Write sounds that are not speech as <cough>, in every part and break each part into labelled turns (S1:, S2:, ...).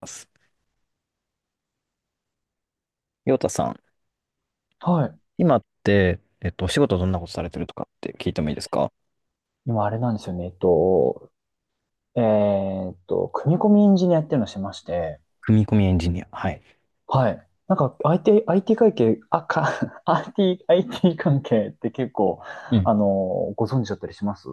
S1: ます。陽太さん、
S2: はい。
S1: 今って、お仕事どんなことされてるとかって聞いてもいいですか？
S2: 今あれなんですよね。組み込みエンジニアっていうのをしてまして、
S1: 組み込みエンジニア。はい。
S2: はい。なんか IT 関係、<laughs> IT 関係って結構、
S1: う
S2: あ
S1: ん。
S2: の、ご存知だったりします？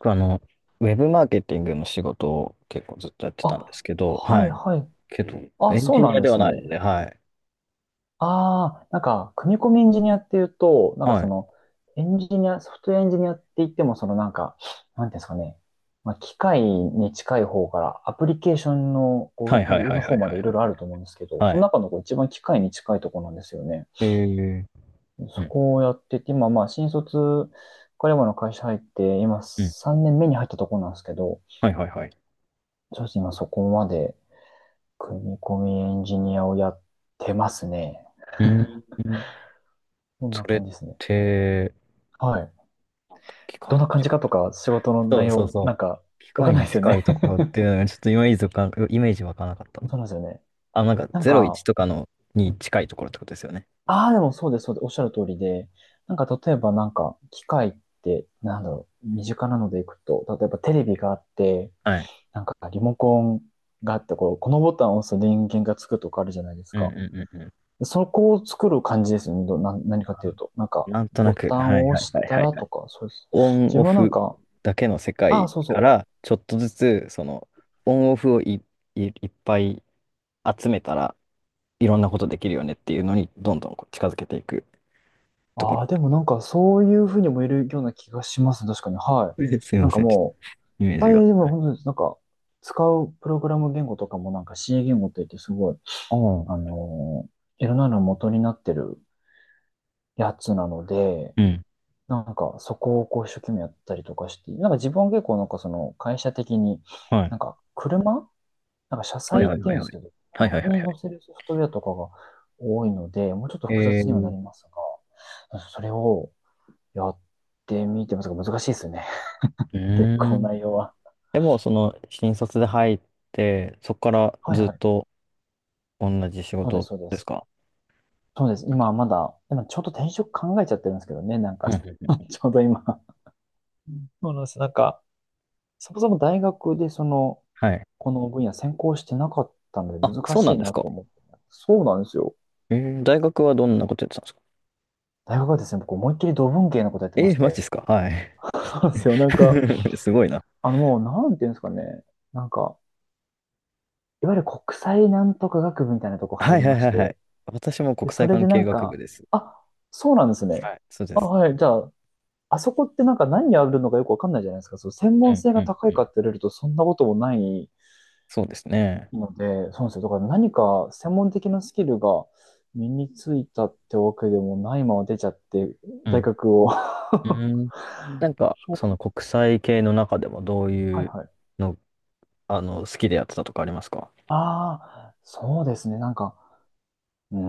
S1: 僕あの、ウェブマーケティングの仕事を結構ずっとやってたんで
S2: あ、
S1: すけど、
S2: は
S1: は
S2: い
S1: い。
S2: はい。
S1: けど、
S2: あ、
S1: エン
S2: そう
S1: ジニ
S2: なん
S1: ア
S2: で
S1: では
S2: す
S1: ないの
S2: ね。
S1: で、はい。
S2: ああ、なんか、組み込みエンジニアっていうと、なんか
S1: は
S2: そ
S1: い。
S2: の、エンジニア、ソフトウェアエンジニアって言っても、そのなんか、なんていうんですかね、まあ、機械に近い方から、アプリケーションの
S1: は
S2: こ
S1: い
S2: う
S1: はい
S2: 上
S1: はいはい
S2: の
S1: は
S2: 方
S1: いはい
S2: ま
S1: は
S2: でいろい
S1: い。
S2: ろあると思うんですけど、そ
S1: は
S2: の
S1: い。
S2: 中のこう一番機械に近いところなんですよね。
S1: えー、う
S2: そ
S1: ん、
S2: こをやってて、今まあ、新卒、彼もの会社入って、今
S1: うん。
S2: 3年目に入ったところなんですけど、
S1: はいはいはい。
S2: そうですね、今そこまで組み込みエンジニアをやってますね。
S1: うーん。
S2: こんな
S1: それっ
S2: 感じですね。
S1: て、
S2: はい。
S1: なんだ機
S2: どん
S1: 械の
S2: な感じ
S1: 近い
S2: かと
S1: と
S2: か、仕事の
S1: こ
S2: 内
S1: ろそうそう
S2: 容、な
S1: そ
S2: ん
S1: う。
S2: か、
S1: 機
S2: わか
S1: 械
S2: んない
S1: に
S2: ですよ
S1: 近い
S2: ね。
S1: ところっていうのが、ちょっとイメージわからなかった。
S2: <laughs> そうなんですよね。
S1: あ、なんか
S2: なんか、
S1: 01とかのに近いところってことですよね。
S2: ああ、でもそうです、そうです、おっしゃる通りで、なんか例えばなんか、機械って、なんだろう、身近なのでいくと、例えばテレビがあって、
S1: はい。
S2: なんかリモコンがあって、こう、このボタンを押すと電源がつくとかあるじゃないです
S1: うん
S2: か。
S1: うんうんうん。
S2: でそこを作る感じですよね。何かっていう
S1: あ
S2: と。なんか、
S1: なんと
S2: ボ
S1: なく、
S2: タン
S1: はい
S2: を
S1: は
S2: 押
S1: い
S2: し
S1: はい
S2: た
S1: はい
S2: ら
S1: は
S2: と
S1: い。
S2: か、そうです。
S1: オン
S2: 自
S1: オ
S2: 分はなん
S1: フ
S2: か、
S1: だけの世
S2: あ
S1: 界
S2: あ、そうそ
S1: か
S2: う。
S1: ら、ちょっとずつ、その、オンオフをい、い、いっぱい集めたらいろんなことできるよねっていうのに、どんどんこう近づけていくとこ
S2: あ
S1: ろ。
S2: あ、でもなんかそういうふうにもいるような気がしますね。確かに。はい。
S1: <laughs> え、すい
S2: な
S1: ま
S2: んか
S1: せん、ちょっと
S2: も
S1: イメー
S2: う、あ
S1: ジが。
S2: れでも本当になんか使うプログラム言語とかもなんか C 言語って言ってすごい、
S1: あ
S2: あ
S1: あ、
S2: のーいろんなの元になってるやつなので、
S1: うん。
S2: なんかそこをこう一生懸命やったりとかして、なんか自分は結構なんかその会社的に、
S1: はい。
S2: なんか車なんか車
S1: はい
S2: 載って
S1: はいは
S2: 言
S1: い
S2: うん
S1: は
S2: ですけ
S1: い。
S2: ど、
S1: はい
S2: 車
S1: はいはい
S2: に
S1: は
S2: 載せるソフトウェアとかが多いので、もうちょっと
S1: い。
S2: 複
S1: え
S2: 雑にはな
S1: ー、
S2: りますが、それを、やってみてますが難しいですね。
S1: う
S2: <laughs> 結
S1: ー
S2: 構
S1: ん。
S2: 内容は。
S1: でも、その、新卒で入って、そこから
S2: はい
S1: ずっ
S2: はい。
S1: と、同じ仕
S2: そうです、
S1: 事
S2: そうで
S1: です
S2: す。
S1: か？
S2: そうです。今はまだ、今ちょっと転職考えちゃってるんですけどね、なんか
S1: う
S2: <laughs>
S1: うん
S2: ち
S1: うん。うん。
S2: ょうど今。そうなんです。なんか、そもそも大学でその、
S1: はい。
S2: この分野専攻してなかったので
S1: あ、
S2: 難
S1: そう
S2: し
S1: な
S2: い
S1: んです
S2: な
S1: か。
S2: と思って。そうなんですよ。
S1: えー、大学はどんなことやってたんですか？
S2: 大学はですね、僕思いっきり土文系のことやってま
S1: え
S2: し
S1: ー、マジで
S2: て。
S1: すか？はい。
S2: そうなんですよ。なんか、
S1: <laughs> すごいな。
S2: あのもう、なんていうんですかね。なんか、いわゆる国際なんとか学部みたいなとこ入
S1: はい
S2: り
S1: はい
S2: まし
S1: はいはい。
S2: て、
S1: 私も
S2: で、
S1: 国
S2: そ
S1: 際
S2: れ
S1: 関
S2: でな
S1: 係
S2: ん
S1: 学部
S2: か、
S1: です。
S2: あ、そうなんですね。
S1: はい、そうで
S2: あ、
S1: す。
S2: はい。じゃあ、あそこってなんか何やるのかよくわかんないじゃないですか。そう、専
S1: う
S2: 門
S1: ん
S2: 性
S1: う
S2: が
S1: ん
S2: 高
S1: う
S2: いか
S1: ん。
S2: って言われるとそんなこともない
S1: そうですね。
S2: ので、そうなんですよ。だから何か専門的なスキルが身についたってわけでもないまま出ちゃって、
S1: う
S2: 大
S1: ん。
S2: 学を。<laughs>
S1: う
S2: そ
S1: ん。なんか、
S2: う。
S1: その国際系の中でもどう
S2: <laughs> は
S1: い
S2: い
S1: う
S2: はい。
S1: の、好きでやってたとかありますか？
S2: ああ、そうですね。なんか、うー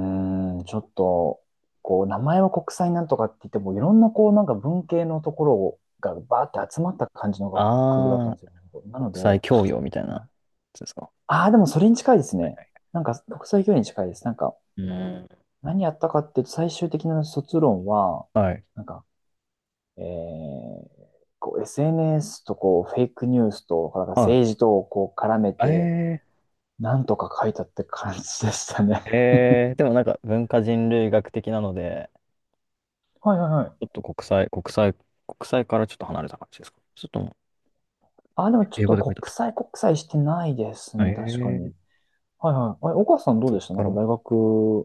S2: ん、ちょっと、こう、名前は国際なんとかって言っても、いろんな、こう、なんか文系のところがバーって集まった感じの学部だっ
S1: あ
S2: た
S1: あ
S2: ん
S1: ー、
S2: ですよ。なの
S1: 国際
S2: で、
S1: 教養みたいなやつですか。
S2: ああー、でもそれに近いです
S1: はい
S2: ね。
S1: はい。
S2: なんか、国際教育に近いです。なんか、
S1: うん。
S2: 何やったかっていうと、最終的な卒論は、
S1: はい。
S2: なんか、えー、こう SNS とこう、フェイクニュースと、なんか政治
S1: は
S2: とこう、絡めて、
S1: い。ええ。
S2: なんとか書いたって感じでしたね。
S1: えー、でもなんか文化人類学的なので、
S2: <laughs> はいはいは
S1: ちょ
S2: い。
S1: っと国際、国際、国際からちょっと離れた感じですか？ちょっともう、
S2: あ、でも
S1: え、
S2: ちょっ
S1: 英語
S2: と
S1: で書いてあっ
S2: 国
S1: たこ
S2: 際国際してないです
S1: と。え
S2: ね、確か
S1: ー、
S2: に。はいはい。あれ、岡さんどう
S1: そっ
S2: でした？な
S1: か
S2: んか
S1: ら、
S2: 大学、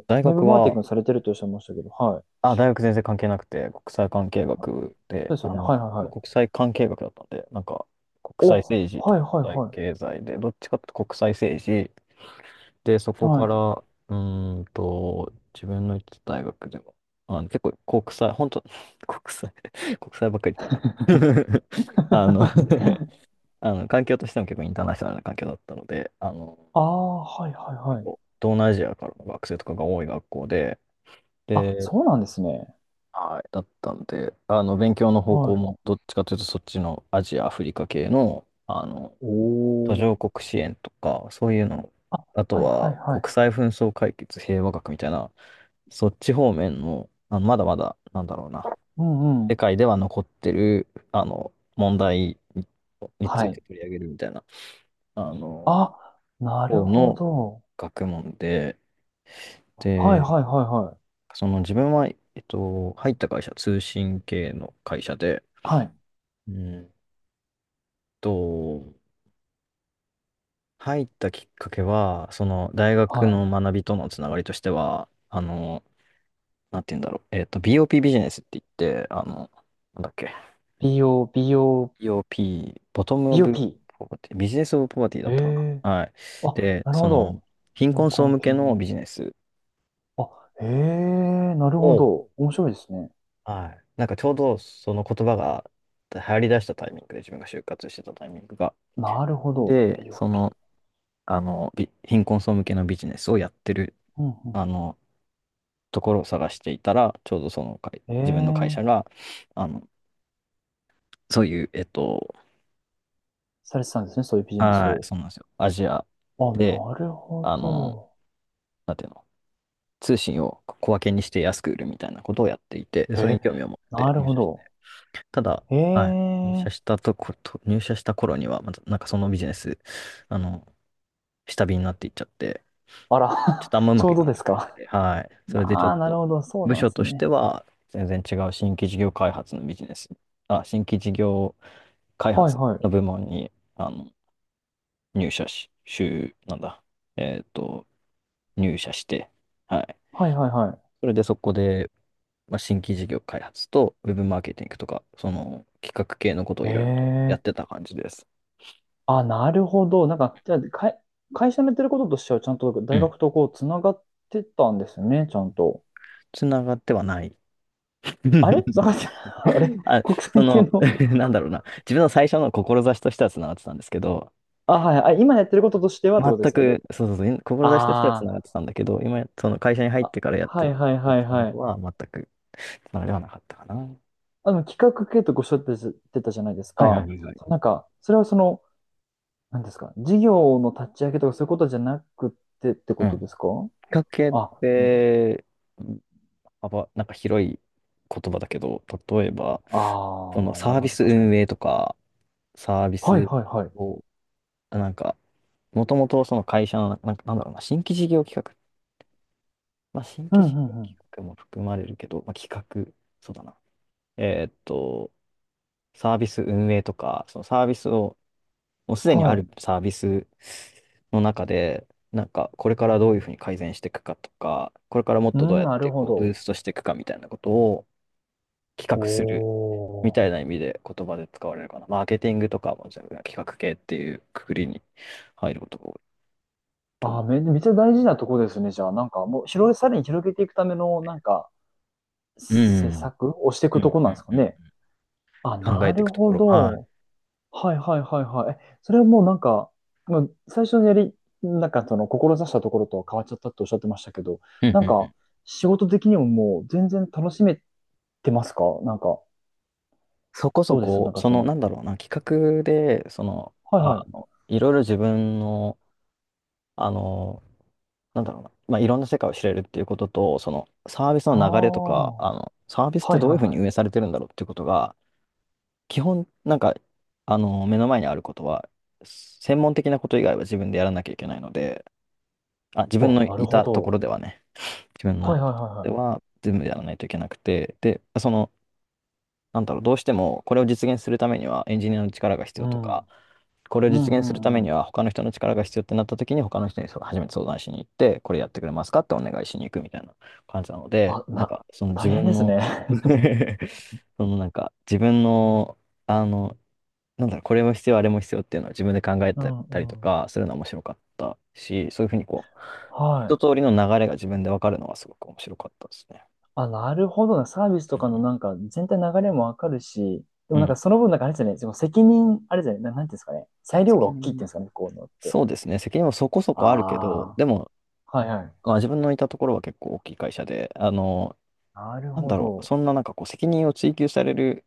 S1: 大
S2: ウェ
S1: 学
S2: ブマーケティン
S1: は、
S2: グされてるとおっしゃいましたけど、はい。
S1: あ、大学全然関係なくて、国際関係学
S2: そ
S1: で、
S2: うですよ
S1: あ
S2: ね。
S1: の、
S2: はいはいはい。
S1: 国際関係学だったんで、なんか、国際
S2: お、
S1: 政治と
S2: はい
S1: 国際
S2: はい
S1: 経済で、どっちかっていうと国際政治、で、そこ
S2: は
S1: か
S2: い。は
S1: ら、
S2: い。
S1: うーんと、自分の行ってた大学でも、あの、結構国際、本当 <laughs> 国際、<laughs> 国際ばっかり言ってんな <laughs> あの
S2: <laughs>
S1: <laughs> あの、環境としても結構インターナショナルな環境だったので、あの、
S2: ああ、はいはいは
S1: 結
S2: い。
S1: 構、東南アジアからの学生とかが多い学校で、
S2: あ、
S1: で、
S2: そうなんですね。
S1: はい、だったんで、あの、勉強の方向
S2: は
S1: も、どっちかというと、そっちのアジア、アフリカ系の、あの、
S2: い。
S1: 途
S2: お
S1: 上
S2: ー。
S1: 国支援とか、そういうの、
S2: あ、
S1: あと
S2: はいはい
S1: は、
S2: はい。
S1: 国際紛争解決平和学みたいな、そっち方面の、あの、まだまだ、なんだろうな、
S2: うんう
S1: 世
S2: ん。
S1: 界では残ってる、あの、問題にに
S2: は
S1: ついて
S2: い。
S1: 取り上げるみたいな、あの、
S2: あ、なる
S1: 方
S2: ほ
S1: の
S2: ど。
S1: 学問で、
S2: はい
S1: で、
S2: はいはい
S1: その自分は、入った会社、通信系の会社で、
S2: はい。はい。
S1: うんと、入ったきっかけは、その、大学
S2: は
S1: の
S2: い。
S1: 学びとのつながりとしては、あの、なんて言うんだろう、BOP ビジネスって言って、あの、なんだっけ、
S2: BO、BO、
S1: BOP、ボトムオブ
S2: BOP。
S1: ポバティ、ビジネスオブポバティだ
S2: え
S1: ったか
S2: え
S1: な。はい。
S2: あ、
S1: で、
S2: なる
S1: そ
S2: ほ
S1: の、
S2: ど。
S1: 貧
S2: 貧
S1: 困層
S2: 困
S1: 向け
S2: 系
S1: の
S2: の。
S1: ビジネス
S2: あ、へえ、なるほ
S1: を、
S2: ど。面白いですね。
S1: はい。なんかちょうどその言葉が流行り出したタイミングで、自分が就活してたタイミングが。
S2: なるほど。
S1: で、そ
S2: BOP。
S1: の、あの、び、貧困層向けのビジネスをやってる、
S2: うんう
S1: あ
S2: ん。
S1: の、ところを探していたら、ちょうどその会、
S2: え
S1: 自分の会社
S2: え、
S1: が、あの、そういう、
S2: されてたんですね。そういうビジネス
S1: はい、
S2: を。
S1: そうなんですよ。アジア
S2: あ、
S1: で、
S2: なるほ
S1: あの、
S2: ど。
S1: なんていうの、通信を小分けにして安く売るみたいなことをやっていて、で、それに
S2: え、
S1: 興味を持って
S2: なる
S1: 入
S2: ほ
S1: 社して、
S2: ど。
S1: ただ、
S2: え
S1: はい、
S2: え、
S1: 入社した頃には、またなんかそのビジネス、あの、下火になっていっちゃって、
S2: あ
S1: ちょっ
S2: ら、
S1: とあんまう
S2: <laughs> ち
S1: まく
S2: ょ
S1: い
S2: う
S1: か
S2: ど
S1: な
S2: で
S1: か
S2: す
S1: ったみたい
S2: か。
S1: で、はい、それでちょ
S2: ああ、
S1: っ
S2: なる
S1: と、
S2: ほど。そう
S1: 部
S2: なんで
S1: 署
S2: す
S1: として
S2: ね。
S1: は、全然違う新規事業開発のビジネス、あ、新規事業開
S2: はい
S1: 発
S2: はい。
S1: の部門に、あの、入社し、週、なんだ、えっと、入社して、はい。
S2: はいはいは
S1: それでそこでまあ、新規事業開発とウェブマーケティングとか、その企画系のことを
S2: い。え
S1: いろいろとやっ
S2: え、
S1: てた感じです。
S2: あ、なるほど。なんか、じゃあ、会社のやってることとしては、ちゃんと
S1: う
S2: 大
S1: ん。
S2: 学とこう、つながってたんですね。ちゃんと。
S1: つながってはない。
S2: あれ
S1: <laughs>
S2: 坂井さん、<laughs> あれ
S1: あ、
S2: 国
S1: そ
S2: 際系
S1: の、
S2: の、
S1: <laughs> なんだろうな。自分の最初の志としてはつながってたんですけど、
S2: あ、はい、あ、今やってることとしてはってことで
S1: 全
S2: すよね。
S1: く、そうそうそう、志としてはつ
S2: あ
S1: ながってたんだけど、今、その会社に入っ
S2: ーあ、
S1: てからやって
S2: はい
S1: る、
S2: はい
S1: やっ
S2: は
S1: て
S2: い
S1: たこ
S2: は
S1: と
S2: い。
S1: は全くつながりはなかったかな。は
S2: 企画系とごおっしゃっててたじゃないです
S1: いはいは
S2: か。
S1: いはい。
S2: なんか、それはその、なんですか、事業の立ち上げとかそういうことじゃなくてって
S1: う
S2: こと
S1: ん。
S2: ですか？
S1: 企画系っ
S2: あ、う
S1: て、幅、なんか広い言葉だけど、例えば、
S2: あ
S1: その
S2: あー、な
S1: サ
S2: る
S1: ー
S2: ほ
S1: ビ
S2: ど、
S1: ス
S2: 確かに。
S1: 運営とか、サービ
S2: はい
S1: ス
S2: はいはい。
S1: を、あなんか、もともとその会社の、なんか、なんだろうな、新規事業企画、まあ、新
S2: うん
S1: 規事
S2: う
S1: 業
S2: んう
S1: 企
S2: ん。
S1: 画も含まれるけど、まあ、企画、そうだな。えーっと、サービス運営とか、そのサービスを、もうすでにあ
S2: は
S1: る
S2: い。
S1: サービスの中で、なんか、これからどういうふうに改善していくかとか、これからもっ
S2: う
S1: とどう
S2: ん、
S1: やっ
S2: なる
S1: て
S2: ほ
S1: こうブー
S2: ど。
S1: ストしていくかみたいなことを企
S2: お
S1: 画するみ
S2: ー。
S1: たいな意味で言葉で使われるかな。マーケティングとかも、じゃあ企画系っていうくくりに入ることが多いと思
S2: めっちゃ大事なとこですね。じゃあ、なんかもうさらに広げていくための、なんか、
S1: う。う
S2: 施
S1: ん。
S2: 策をしてい
S1: うんう
S2: くと
S1: ん
S2: こなんですかね。
S1: う
S2: あ、
S1: ん、考
S2: な
S1: えてい
S2: る
S1: くとこ
S2: ほ
S1: ろ。は
S2: ど。はいはいはいはい。え、それはもうなんか、まあ、最初のなんかその、志したところとは変わっちゃったっておっしゃってましたけど、
S1: い。うん
S2: な
S1: うん
S2: ん
S1: う
S2: か、
S1: ん。
S2: 仕事的にももう全然楽しめてますか？なんか、
S1: そこ
S2: ど
S1: そ
S2: うですな
S1: こ、
S2: んか
S1: そ
S2: そ
S1: の、な
S2: の、
S1: んだろうな、企画で、その、
S2: はいは
S1: ああ
S2: い。
S1: の、いろいろ自分の、あの、なんだろうな、まあ、いろんな世界を知れるっていうことと、その、サービス
S2: あ
S1: の流れとか、
S2: あ、は
S1: あの、サービスっ
S2: いは
S1: て
S2: い
S1: どういうふう
S2: は
S1: に運
S2: い。
S1: 営されてるんだろうっていうことが、基本、なんか、あの、目の前にあることは、専門的なこと以外は自分でやらなきゃいけないので、あ、自分
S2: お、
S1: の
S2: なる
S1: い
S2: ほ
S1: たところ
S2: ど。
S1: ではね、自分のい
S2: はい
S1: た
S2: は
S1: と
S2: いは
S1: こ
S2: い
S1: ろで
S2: は
S1: は全部やらないといけなくて、で、その、なんだろう、どうしてもこれを実現するためにはエンジニアの力が必
S2: い。う
S1: 要と
S2: ん。う
S1: か、
S2: ん
S1: これを
S2: う
S1: 実現するため
S2: んう
S1: に
S2: ん。
S1: は他の人の力が必要ってなった時に他の人にそう初めて相談しに行って、これやってくれますかってお願いしに行くみたいな感じなので、
S2: あ、
S1: なん
S2: な、
S1: かその
S2: 大
S1: 自
S2: 変で
S1: 分
S2: す
S1: の
S2: ね。
S1: <laughs> そのなんか自分の、あの、なんだろう、これも必要、あれも必要っていうのは自分で考え
S2: <laughs> う
S1: て
S2: ん
S1: たりと
S2: うん。
S1: かするのは面白かったし、そういうふうにこう、
S2: は
S1: 一
S2: い。
S1: 通りの流れが自分で分かるのはすごく面白かったですね。
S2: あ、なるほどな。サービスと
S1: う
S2: かの
S1: ん。
S2: なんか全体流れもわかるし、でも
S1: う
S2: なんか
S1: ん。
S2: その分なんかあれですよね。その責任、あれですよね。なんていうんですかね。裁量が
S1: 責
S2: 大きいって
S1: 任、
S2: いうんですかね、こういうのって。
S1: そうですね、責任もそこそこあるけど、
S2: あ
S1: でも、
S2: あ、はいはい。
S1: あ、自分のいたところは結構大きい会社で、あの、
S2: なる
S1: なん
S2: ほ
S1: だろう、
S2: ど。
S1: そんななんかこう、責任を追求される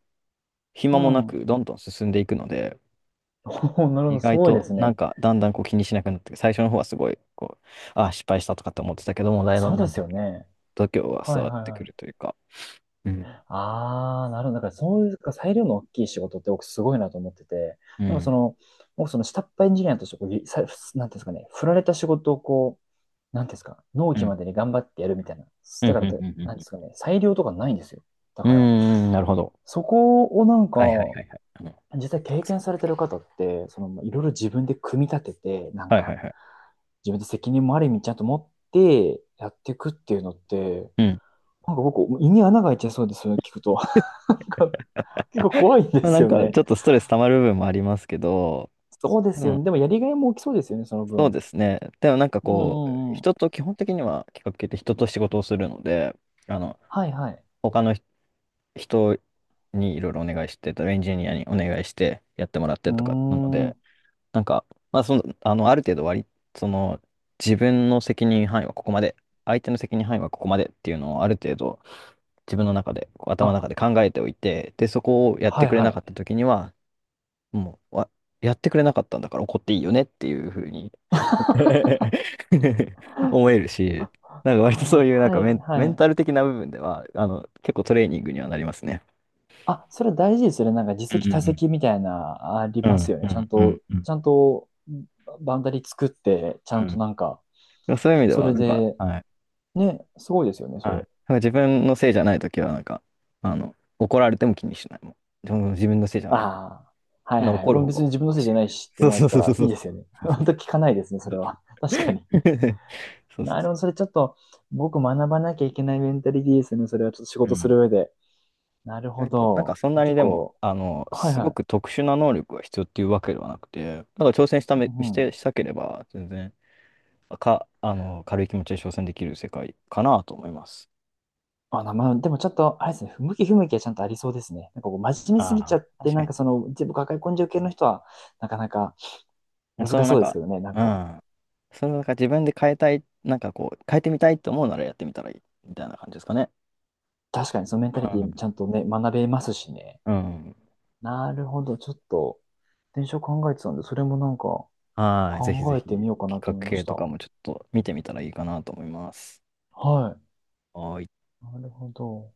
S1: 暇
S2: う
S1: もな
S2: ん。
S1: く、どんどん進んでいくので、
S2: <laughs> なるほ
S1: 意
S2: ど。す
S1: 外
S2: ごいで
S1: と
S2: す
S1: なん
S2: ね。
S1: かだんだんこう気にしなくなって、最初の方はすごいこう、あ、失敗したとかって思ってたけども、だ
S2: そう
S1: んだ
S2: で
S1: ん
S2: す
S1: こ
S2: よ
S1: う
S2: ね。
S1: 度胸は
S2: は
S1: 伝
S2: い
S1: わっ
S2: はい
S1: てく
S2: は
S1: ると
S2: い。
S1: いうか。うん。
S2: ああ、なるほど。だからそういうか裁量の大きい仕事って僕すごいなと思ってて、
S1: う
S2: なんかそ
S1: ん。
S2: の、僕その下っ端エンジニアとしてこう、なんていうんですかね、振られた仕事をこう、なんていうんですか、納
S1: う
S2: 期
S1: ん。
S2: までに頑張ってやるみたいな。
S1: うん。う
S2: だか
S1: ん。
S2: らと、
S1: う
S2: なんで
S1: ん。
S2: すかね、裁量とかないんですよ。だ
S1: う
S2: から、
S1: ん。うん、なるほど。
S2: そこをなんか、
S1: はいはいはいはい。うん。
S2: 実際
S1: た
S2: 経
S1: くさん
S2: 験
S1: で
S2: され
S1: す
S2: て
S1: か？
S2: る方って、その、いろいろ自分で組み立てて、なん
S1: はいは
S2: か、
S1: いはい。
S2: 自分で責任もある意味ちゃんと持ってやっていくっていうのって、
S1: うん。
S2: なんか僕、胃に穴が開いちゃいそうです、それ聞くと。<laughs> なんか、結構怖いんで
S1: まあ、な
S2: す
S1: ん
S2: よ
S1: か
S2: ね。
S1: ちょっとストレス溜まる部分もありますけど、
S2: そうで
S1: で
S2: すよ
S1: も、
S2: ね。でもやりがいも大きそうですよね、その
S1: そう
S2: 分。
S1: ですね。でもなんか
S2: うん
S1: こ
S2: う
S1: う、
S2: んうん。
S1: 人と基本的には企画系って人と仕事をするので、あの、
S2: はいはい。
S1: 他のひ人にいろいろお願いして、エンジニアにお願いしてやってもらっ
S2: う
S1: てとかなの
S2: ー
S1: で、
S2: ん。
S1: なんか、まあ、その、あの、ある程度割り、その、自分の責任範囲はここまで、相手の責任範囲はここまでっていうのをある程度自分の中で、こう頭の
S2: あ、
S1: 中で考えておいて、で、そこをやっ
S2: は
S1: て
S2: い
S1: くれ
S2: は
S1: なか
S2: い。
S1: った時には、もう、わ、やってくれなかったんだから怒っていいよねっていうふうに
S2: <laughs>
S1: <laughs> 思えるし、なんか割とそう
S2: は
S1: いうなんか
S2: い
S1: メ
S2: は
S1: ン
S2: い。
S1: タル的な部分では、あの、結構トレーニングにはなりますね。
S2: あ、それ大事ですよね。なんか自
S1: うんう
S2: 責他
S1: ん
S2: 責みたいな、あり
S1: う
S2: ます
S1: ん、
S2: よ
S1: う
S2: ね。
S1: ん、う
S2: ちゃん
S1: ん、う
S2: と、
S1: ん。うん
S2: ちゃんと、バンダリ作って、ちゃ
S1: う
S2: んと
S1: ん、
S2: なんか、
S1: そういう意味で
S2: そ
S1: は、
S2: れ
S1: なんか、
S2: で、
S1: はい。
S2: ね、すごいですよね、
S1: は
S2: そ
S1: い、なん
S2: れ。
S1: か自分のせいじゃないときは、なんか、あの、怒られても気にしないもん。でも自分のせいじゃないから。
S2: ああ、は
S1: そ
S2: い
S1: んな
S2: はい。
S1: 怒
S2: も
S1: る
S2: う
S1: 方
S2: 別
S1: が
S2: に自分
S1: お
S2: の
S1: か
S2: せい
S1: し
S2: じ
S1: い
S2: ゃな
S1: よ
S2: い
S1: ね。
S2: しって
S1: そう
S2: 思え
S1: そう
S2: た
S1: そうそ
S2: ら
S1: うそ
S2: い
S1: う。
S2: い
S1: そ
S2: ですよね。<laughs>
S1: うそうそ
S2: 本当聞かないですね、それ
S1: う。
S2: は。<laughs> 確かに。
S1: そうそう
S2: なる
S1: そ
S2: ほど、それちょっと、僕学ばなきゃいけないメンタリティですね、それはちょっと仕
S1: う。う
S2: 事す
S1: ん。
S2: る上で。なる
S1: 意
S2: ほ
S1: 外と、なんか
S2: ど。
S1: そんなに
S2: 結
S1: でも、
S2: 構、
S1: あの、
S2: はい
S1: す
S2: は
S1: ごく
S2: い。
S1: 特殊な能力が必要っていうわけではなくて、なんか挑戦した
S2: う
S1: め、し
S2: んうん
S1: て、したければ、全然、か、あの、軽い気持ちで挑戦できる世界かなと思います。
S2: まあ、でもちょっと、あれですね、不向き不向きはちゃんとありそうですね。なんかこう、真面目すぎち
S1: あ
S2: ゃ
S1: あ、
S2: って、
S1: 確か
S2: なんか
S1: に。
S2: その、全部抱え込んじゃう系の人は、なかなか難
S1: その
S2: し
S1: な
S2: そ
S1: ん
S2: うです
S1: か、
S2: けどね、なん
S1: う
S2: か、
S1: ん。それをなんか自分で変えたい、なんかこう、変えてみたいと思うならやってみたらいい、みたいな感じですかね。
S2: 確かにそのメンタ
S1: う
S2: リティ
S1: ん。
S2: ちゃんとね、学べますしね。
S1: うん。
S2: なるほど、ちょっと、電車考えてたんで、それもなんか、
S1: はい。ぜひぜ
S2: 考えて
S1: ひ、
S2: みようか
S1: 企
S2: なと
S1: 画
S2: 思いまし
S1: 系と
S2: た。
S1: かもちょっと見てみたらいいかなと思います。
S2: はい。
S1: はい。
S2: なるほど。